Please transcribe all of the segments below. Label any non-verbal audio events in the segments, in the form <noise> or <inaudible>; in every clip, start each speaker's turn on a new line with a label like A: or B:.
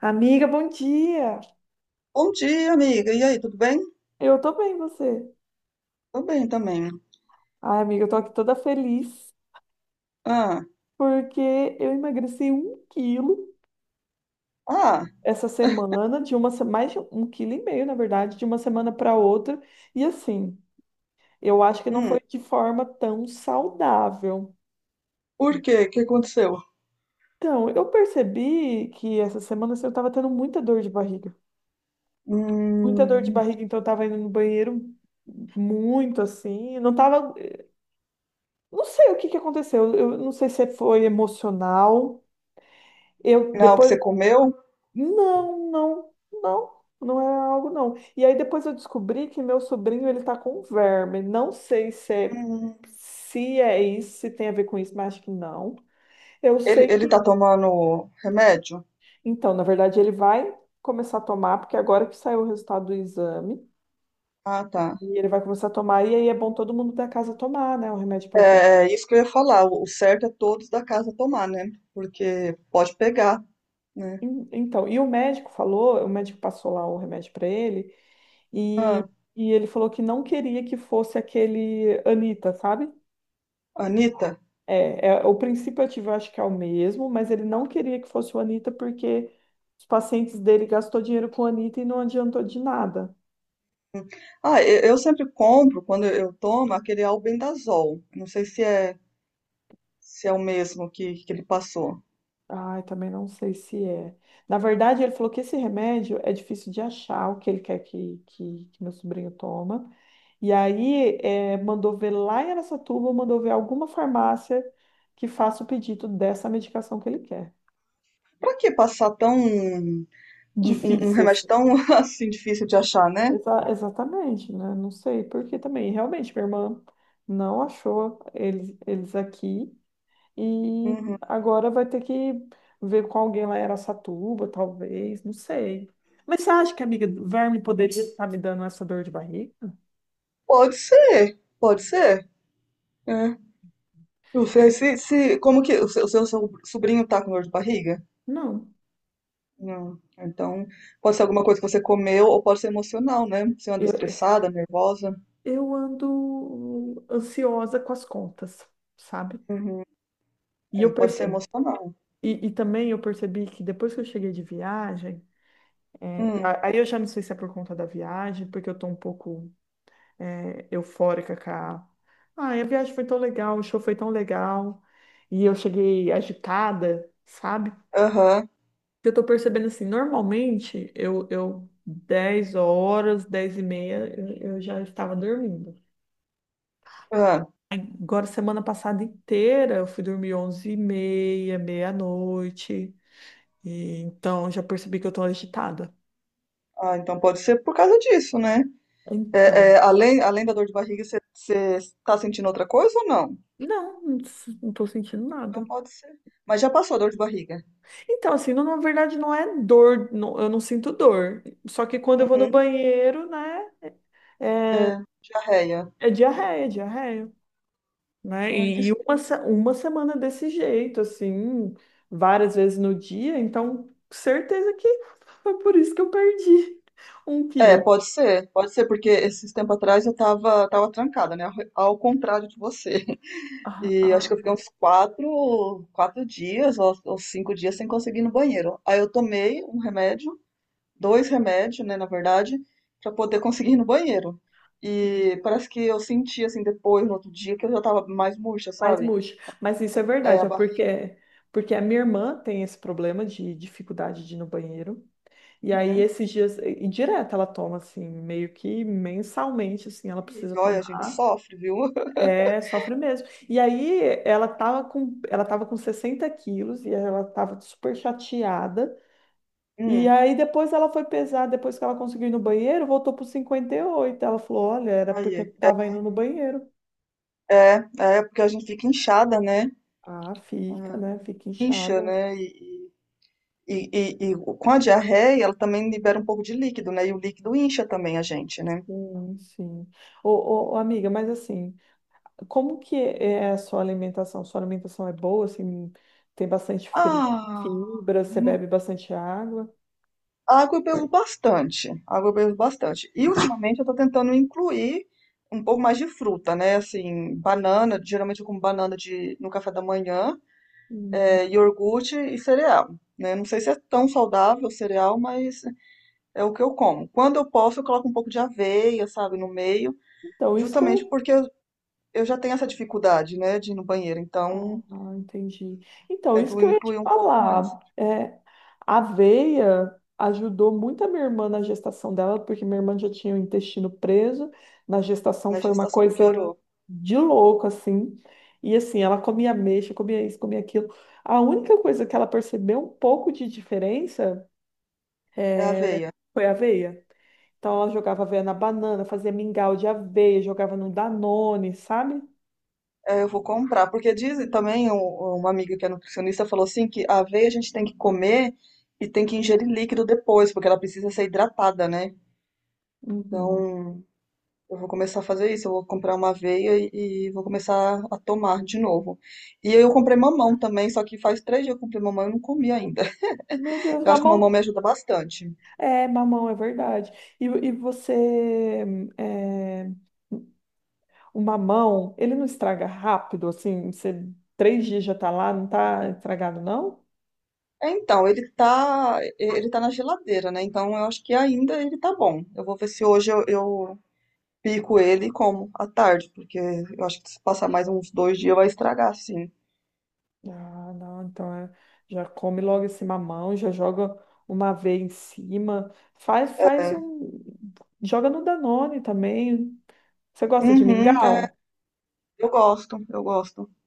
A: Amiga, bom dia!
B: Bom dia, amiga. E aí, tudo bem?
A: Eu tô bem, você?
B: Tô bem também.
A: Ai, amiga, eu tô aqui toda feliz
B: Ah,
A: porque eu emagreci 1 quilo
B: ah,
A: essa semana, de uma, se- mais de 1,5 quilo, na verdade, de uma semana para outra. E assim, eu acho que não
B: hum.
A: foi de forma tão saudável.
B: Por quê? O que aconteceu?
A: Então, eu percebi que essa semana assim, eu tava tendo muita dor de barriga. Muita dor de
B: Hum,
A: barriga, então eu tava indo no banheiro muito assim. Eu não tava. Não sei o que que aconteceu. Eu não sei se foi emocional. Eu
B: não é algo que
A: depois,
B: você comeu?
A: não, não, não, não é algo não. E aí depois eu descobri que meu sobrinho ele tá com verme. Não sei se é,
B: Hum,
A: se é isso, se tem a ver com isso, mas acho que não. Eu
B: ele,
A: sei
B: ele
A: que,
B: tá tomando remédio?
A: então, na verdade, ele vai começar a tomar, porque é agora que saiu o resultado do exame,
B: Ah, tá.
A: e ele vai começar a tomar, e aí é bom todo mundo da casa tomar, né, o remédio
B: É,
A: para verme.
B: é isso que eu ia falar. O certo é todos da casa tomar, né? Porque pode pegar, né?
A: Então, e o médico falou, o médico passou lá o remédio para ele. E,
B: Ah,
A: e ele falou que não queria que fosse aquele Anitta, sabe?
B: Anitta.
A: É, é, o princípio ativo eu acho que é o mesmo, mas ele não queria que fosse o Anitta porque os pacientes dele gastou dinheiro com o Anitta e não adiantou de nada.
B: Ah, eu sempre compro, quando eu tomo, aquele albendazol. Não sei se é, se é o mesmo que ele passou.
A: Ai, também não sei se é. Na verdade, ele falou que esse remédio é difícil de achar, o que ele quer que meu sobrinho toma. E aí, é, mandou ver lá em Araçatuba, mandou ver alguma farmácia que faça o pedido dessa medicação que ele quer.
B: Pra que passar tão um
A: Difícil,
B: remédio
A: assim.
B: tão <laughs> assim difícil de achar, né?
A: Exatamente, né? Não sei, porque também, realmente, minha irmã não achou eles aqui e
B: Uhum.
A: agora vai ter que ver com alguém lá em Araçatuba, talvez, não sei. Mas você acha que a amiga do verme poderia estar me dando essa dor de barriga?
B: Pode ser, pode ser. É. Não sei se, se como que o seu so- sobrinho tá com dor de barriga?
A: Não.
B: Não. Então, pode ser alguma coisa que você comeu ou pode ser emocional, né? Você anda
A: Eu,
B: estressada, nervosa.
A: eu ando ansiosa com as contas, sabe?
B: Uhum.
A: E
B: É,
A: eu
B: pode ser
A: percebo.
B: emocional.
A: E também eu percebi que depois que eu cheguei de viagem, é,
B: Hum.
A: aí eu já não sei se é por conta da viagem, porque eu tô um pouco é, eufórica com a. Ai, a viagem foi tão legal, o show foi tão legal. E eu cheguei agitada, sabe?
B: Aham.
A: Eu tô percebendo assim, normalmente eu 10 horas, 10h30, eu já estava dormindo.
B: Ah,
A: Agora, semana passada inteira, eu fui dormir 11h30, meia-noite. E, então, já percebi que eu tô agitada.
B: ah, então pode ser por causa disso, né? É,
A: Então,
B: é, além, além da dor de barriga, você está sentindo outra coisa ou não?
A: não, não tô sentindo
B: Então
A: nada.
B: pode ser. Mas já passou a dor de barriga.
A: Então, assim, na verdade não é dor, eu não sinto dor. Só que quando eu vou no
B: Uhum.
A: banheiro, né, é,
B: É, diarreia.
A: é diarreia, é diarreia, né?
B: Ai, que...
A: E
B: est-
A: uma, se- uma semana desse jeito, assim, várias vezes no dia, então certeza que foi por isso que eu perdi <laughs> um
B: É,
A: quilo.
B: pode ser, porque esses tempos atrás eu tava, tava trancada, né? Ao contrário de você. <laughs>
A: Ah,
B: E acho
A: ah,
B: que eu fiquei uns quatro dias ou cinco dias sem conseguir ir no banheiro. Aí eu tomei um remédio, dois remédios, né, na verdade, pra poder conseguir ir no banheiro. E parece que eu senti, assim, depois, no outro dia, que eu já tava mais murcha,
A: mais
B: sabe?
A: murcho. Mas isso é
B: É,
A: verdade,
B: a
A: ó,
B: barriga.
A: porque a minha irmã tem esse problema de dificuldade de ir no banheiro. E aí,
B: Uhum.
A: esses dias, e direto ela toma, assim, meio que mensalmente, assim, ela precisa
B: Olha, a gente
A: tomar.
B: sofre, viu? <laughs>
A: É, sofre mesmo. E aí, ela tava com 60 quilos e ela tava super chateada. E
B: Hum,
A: aí, depois ela foi pesar, depois que ela conseguiu ir no banheiro, voltou para 58. Ela falou: Olha, era porque eu não
B: aí.
A: tava indo no banheiro.
B: É, é porque a gente fica inchada, né?
A: Ah, fica, né? Fica
B: Incha,
A: inchada.
B: né? E, e com a diarreia, ela também libera um pouco de líquido, né? E o líquido incha também a gente, né?
A: Sim, sim. Ô, ô, ô, amiga, mas assim, como que é a sua alimentação? Sua alimentação é boa, assim, tem bastante fri-
B: Ah,
A: fibra, você
B: hum,
A: bebe bastante água?
B: água eu bebo bastante. Água eu bebo bastante. E ultimamente eu tô tentando incluir um pouco mais de fruta, né? Assim, banana, geralmente eu como banana de, no café da manhã,
A: Hum,
B: é, iogurte e cereal. Né? Não sei se é tão saudável o cereal, mas é o que eu como. Quando eu posso, eu coloco um pouco de aveia, sabe, no meio,
A: Então, isso que eu
B: justamente
A: ia.
B: porque eu já tenho essa dificuldade, né, de ir no banheiro, então
A: Ah, entendi. Então, isso
B: tento
A: que eu ia te
B: incluir um pouco mais.
A: falar. É, a aveia ajudou muito a minha irmã na gestação dela, porque minha irmã já tinha o intestino preso. Na gestação
B: Na
A: foi uma
B: gestação
A: coisa
B: piorou.
A: de louco, assim. E assim, ela comia ameixa, comia isso, comia aquilo. A única coisa que ela percebeu um pouco de diferença
B: É
A: É,
B: aveia.
A: foi aveia. Então ela jogava aveia na banana, fazia mingau de aveia, jogava no Danone, sabe?
B: É, eu vou comprar, porque dizem também, um- uma amiga que é nutricionista falou assim, que a aveia a gente tem que comer e tem que ingerir líquido depois, porque ela precisa ser hidratada, né?
A: Uhum.
B: Então, eu vou começar a fazer isso, eu vou comprar uma aveia e vou começar a tomar de novo. E eu comprei mamão também, só que faz três dias que eu comprei mamão e eu não comi ainda.
A: Meu
B: <laughs>
A: Deus,
B: Eu acho que o
A: mamão.
B: mamão me ajuda bastante.
A: É, mamão, é verdade. E você. é, o mamão, ele não estraga rápido, assim? Você, 3 dias já tá lá, não tá estragado, não?
B: É, então, ele tá na geladeira, né? Então eu acho que ainda ele tá bom. Eu vou ver se hoje eu pico ele e como à tarde, porque eu acho que se passar mais uns dois dias vai estragar, sim.
A: Ah, não, então é, já come logo esse mamão, já joga uma aveia em cima, faz
B: É.
A: um, joga no Danone também. Você gosta de
B: Uhum, é,
A: mingau?
B: eu gosto, eu gosto. <laughs>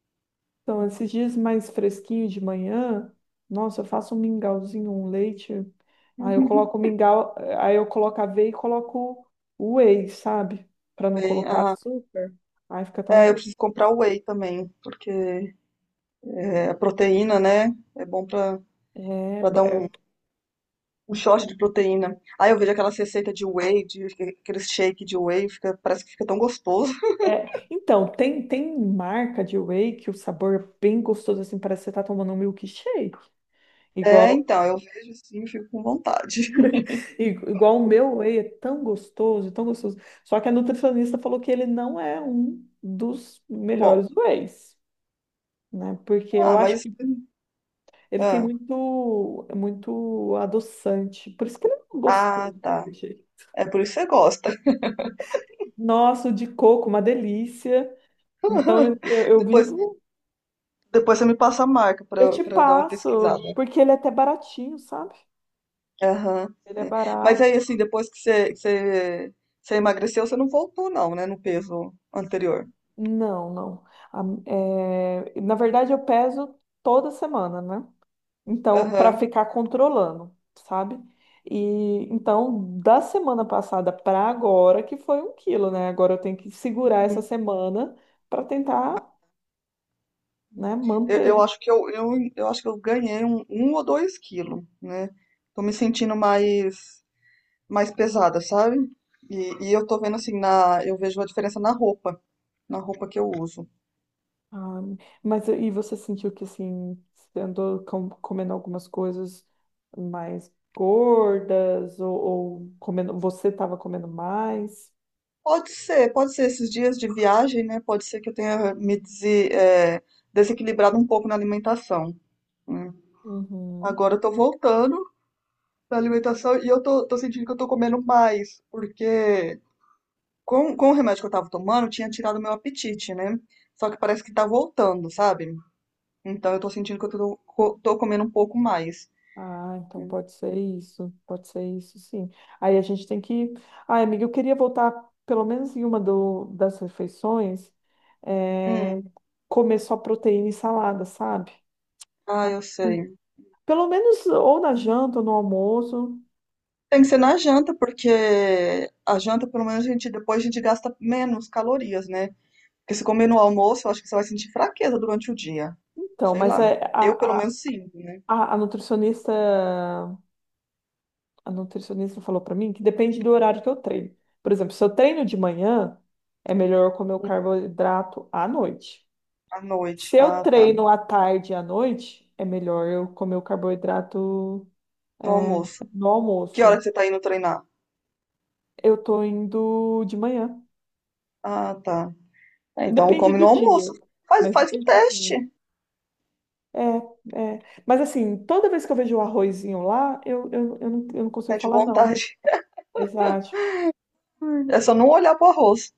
A: Então, esses dias mais fresquinhos de manhã, nossa, eu faço um mingauzinho, um leite, aí eu
B: Uhum.
A: coloco o mingau, aí eu coloco a aveia e coloco o whey, sabe? Para não
B: Bem,
A: colocar
B: ah,
A: açúcar, aí fica tão
B: é, eu
A: bom.
B: preciso comprar whey também, porque é, a proteína, né? É bom pra,
A: É,
B: pra dar
A: é
B: um, um shot de proteína. Aí eu vejo aquelas receitas de whey, de, aquele shake de whey, fica, parece que fica tão gostoso.
A: É, então, tem marca de whey que o sabor é bem gostoso, assim, parece que você tá tomando um milkshake.
B: É,
A: Igual,
B: então, eu vejo sim, fico com vontade. <laughs>
A: i- igual, o meu whey é tão gostoso, tão gostoso. Só que a nutricionista falou que ele não é um dos
B: Bom,
A: melhores wheys, né? Porque
B: ah,
A: eu acho
B: mas.
A: que ele tem
B: Ah,
A: muito, muito adoçante. Por isso que ele não é
B: ah,
A: gostoso
B: tá.
A: daquele jeito.
B: É por isso que você gosta.
A: Nossa, o de coco, uma delícia. Então, eu, eu
B: <laughs>
A: eu
B: Depois,
A: vivo,
B: depois você me passa a marca
A: eu te
B: pra eu dar uma pesquisada.
A: passo, porque ele é até baratinho, sabe?
B: Aham.
A: Ele é
B: É. Mas
A: barato?
B: aí, assim, depois que você, você emagreceu, você não voltou, não, né, no peso anterior.
A: Não, não. A- É, na verdade, eu peso toda semana, né? Então, para
B: Aham.
A: ficar controlando, sabe? E então, da semana passada para agora, que foi 1 quilo, né? Agora eu tenho que segurar essa
B: Uhum.
A: semana para tentar, né,
B: Uhum. Eu
A: manter.
B: acho que eu, eu acho que eu ganhei um, um ou dois quilos, né? Tô me sentindo mais, mais pesada, sabe? E eu tô vendo assim, na, eu vejo a diferença na roupa. Na roupa que eu uso.
A: Ah, mas e você sentiu que assim, você andou comendo algumas coisas mais gordas ou, comendo, você estava comendo mais?
B: Pode ser esses dias de viagem, né? Pode ser que eu tenha me dese- eh, desequilibrado um pouco na alimentação. Né.
A: Uhum.
B: Agora eu tô voltando pra alimentação e eu tô, tô sentindo que eu tô comendo mais, porque com o remédio que eu tava tomando, tinha tirado meu apetite, né? Só que parece que tá voltando, sabe? Então eu tô sentindo que eu tô, co- tô comendo um pouco mais.
A: Ah, então pode ser isso, sim. Aí a gente tem que. Ah, amiga, eu queria voltar pelo menos em uma das refeições, é,
B: Hum,
A: comer só proteína e salada, sabe?
B: ah,
A: Ah,
B: eu sei.
A: pelo menos ou na janta ou no almoço.
B: Tem que ser na janta, porque a janta, pelo menos, a gente, depois a gente gasta menos calorias, né? Porque se comer no almoço, eu acho que você vai sentir fraqueza durante o dia.
A: Então,
B: Sei
A: mas
B: lá. Eu, pelo
A: a, a,
B: menos, sinto, né?
A: a a nutricionista falou para mim que depende do horário que eu treino. Por exemplo, se eu treino de manhã, é melhor eu comer o carboidrato à noite.
B: À noite.
A: Se eu
B: Ah, tá.
A: treino à tarde e à noite, é melhor eu comer o carboidrato, é,
B: No almoço.
A: no
B: Que hora
A: almoço.
B: que você tá indo treinar?
A: Eu tô indo de manhã.
B: Ah, tá. É, então
A: Depende
B: come no
A: do dia,
B: almoço. Faz,
A: mas
B: faz um
A: depende do
B: teste.
A: dia. É, é. Mas assim, toda vez que eu vejo o arrozinho lá, eu, não, eu não consigo
B: Sente
A: falar não.
B: vontade. <laughs>
A: Exato.
B: É só não olhar pro arroz.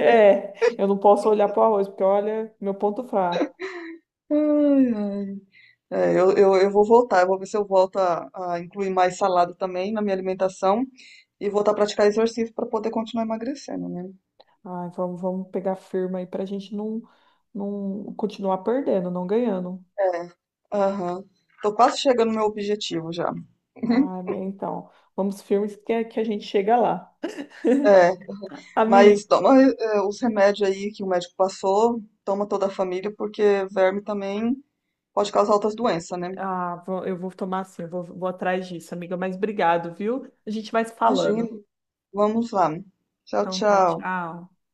A: É, eu não posso olhar pro arroz, porque olha, meu ponto fraco.
B: Ai, ai. É, eu vou voltar. Eu vou ver se eu volto a incluir mais salada também na minha alimentação. E voltar a praticar exercício para poder continuar emagrecendo, né?
A: Ai, vamos, vamos pegar firma aí pra gente não continuar perdendo, não ganhando.
B: É. Aham. Tô quase chegando no meu objetivo já.
A: Ah,
B: <laughs>
A: bem, então, vamos filmes que a gente chega lá.
B: É. Mas
A: Amiga,
B: toma eh, os remédios aí que o médico passou, toma toda a família, porque verme também pode causar outras doenças, né?
A: ah, eu vou tomar assim, eu vou atrás disso, amiga, mas obrigado, viu? A gente vai se falando.
B: Imagino. Vamos lá. Tchau,
A: Então, tá,
B: tchau.
A: tchau.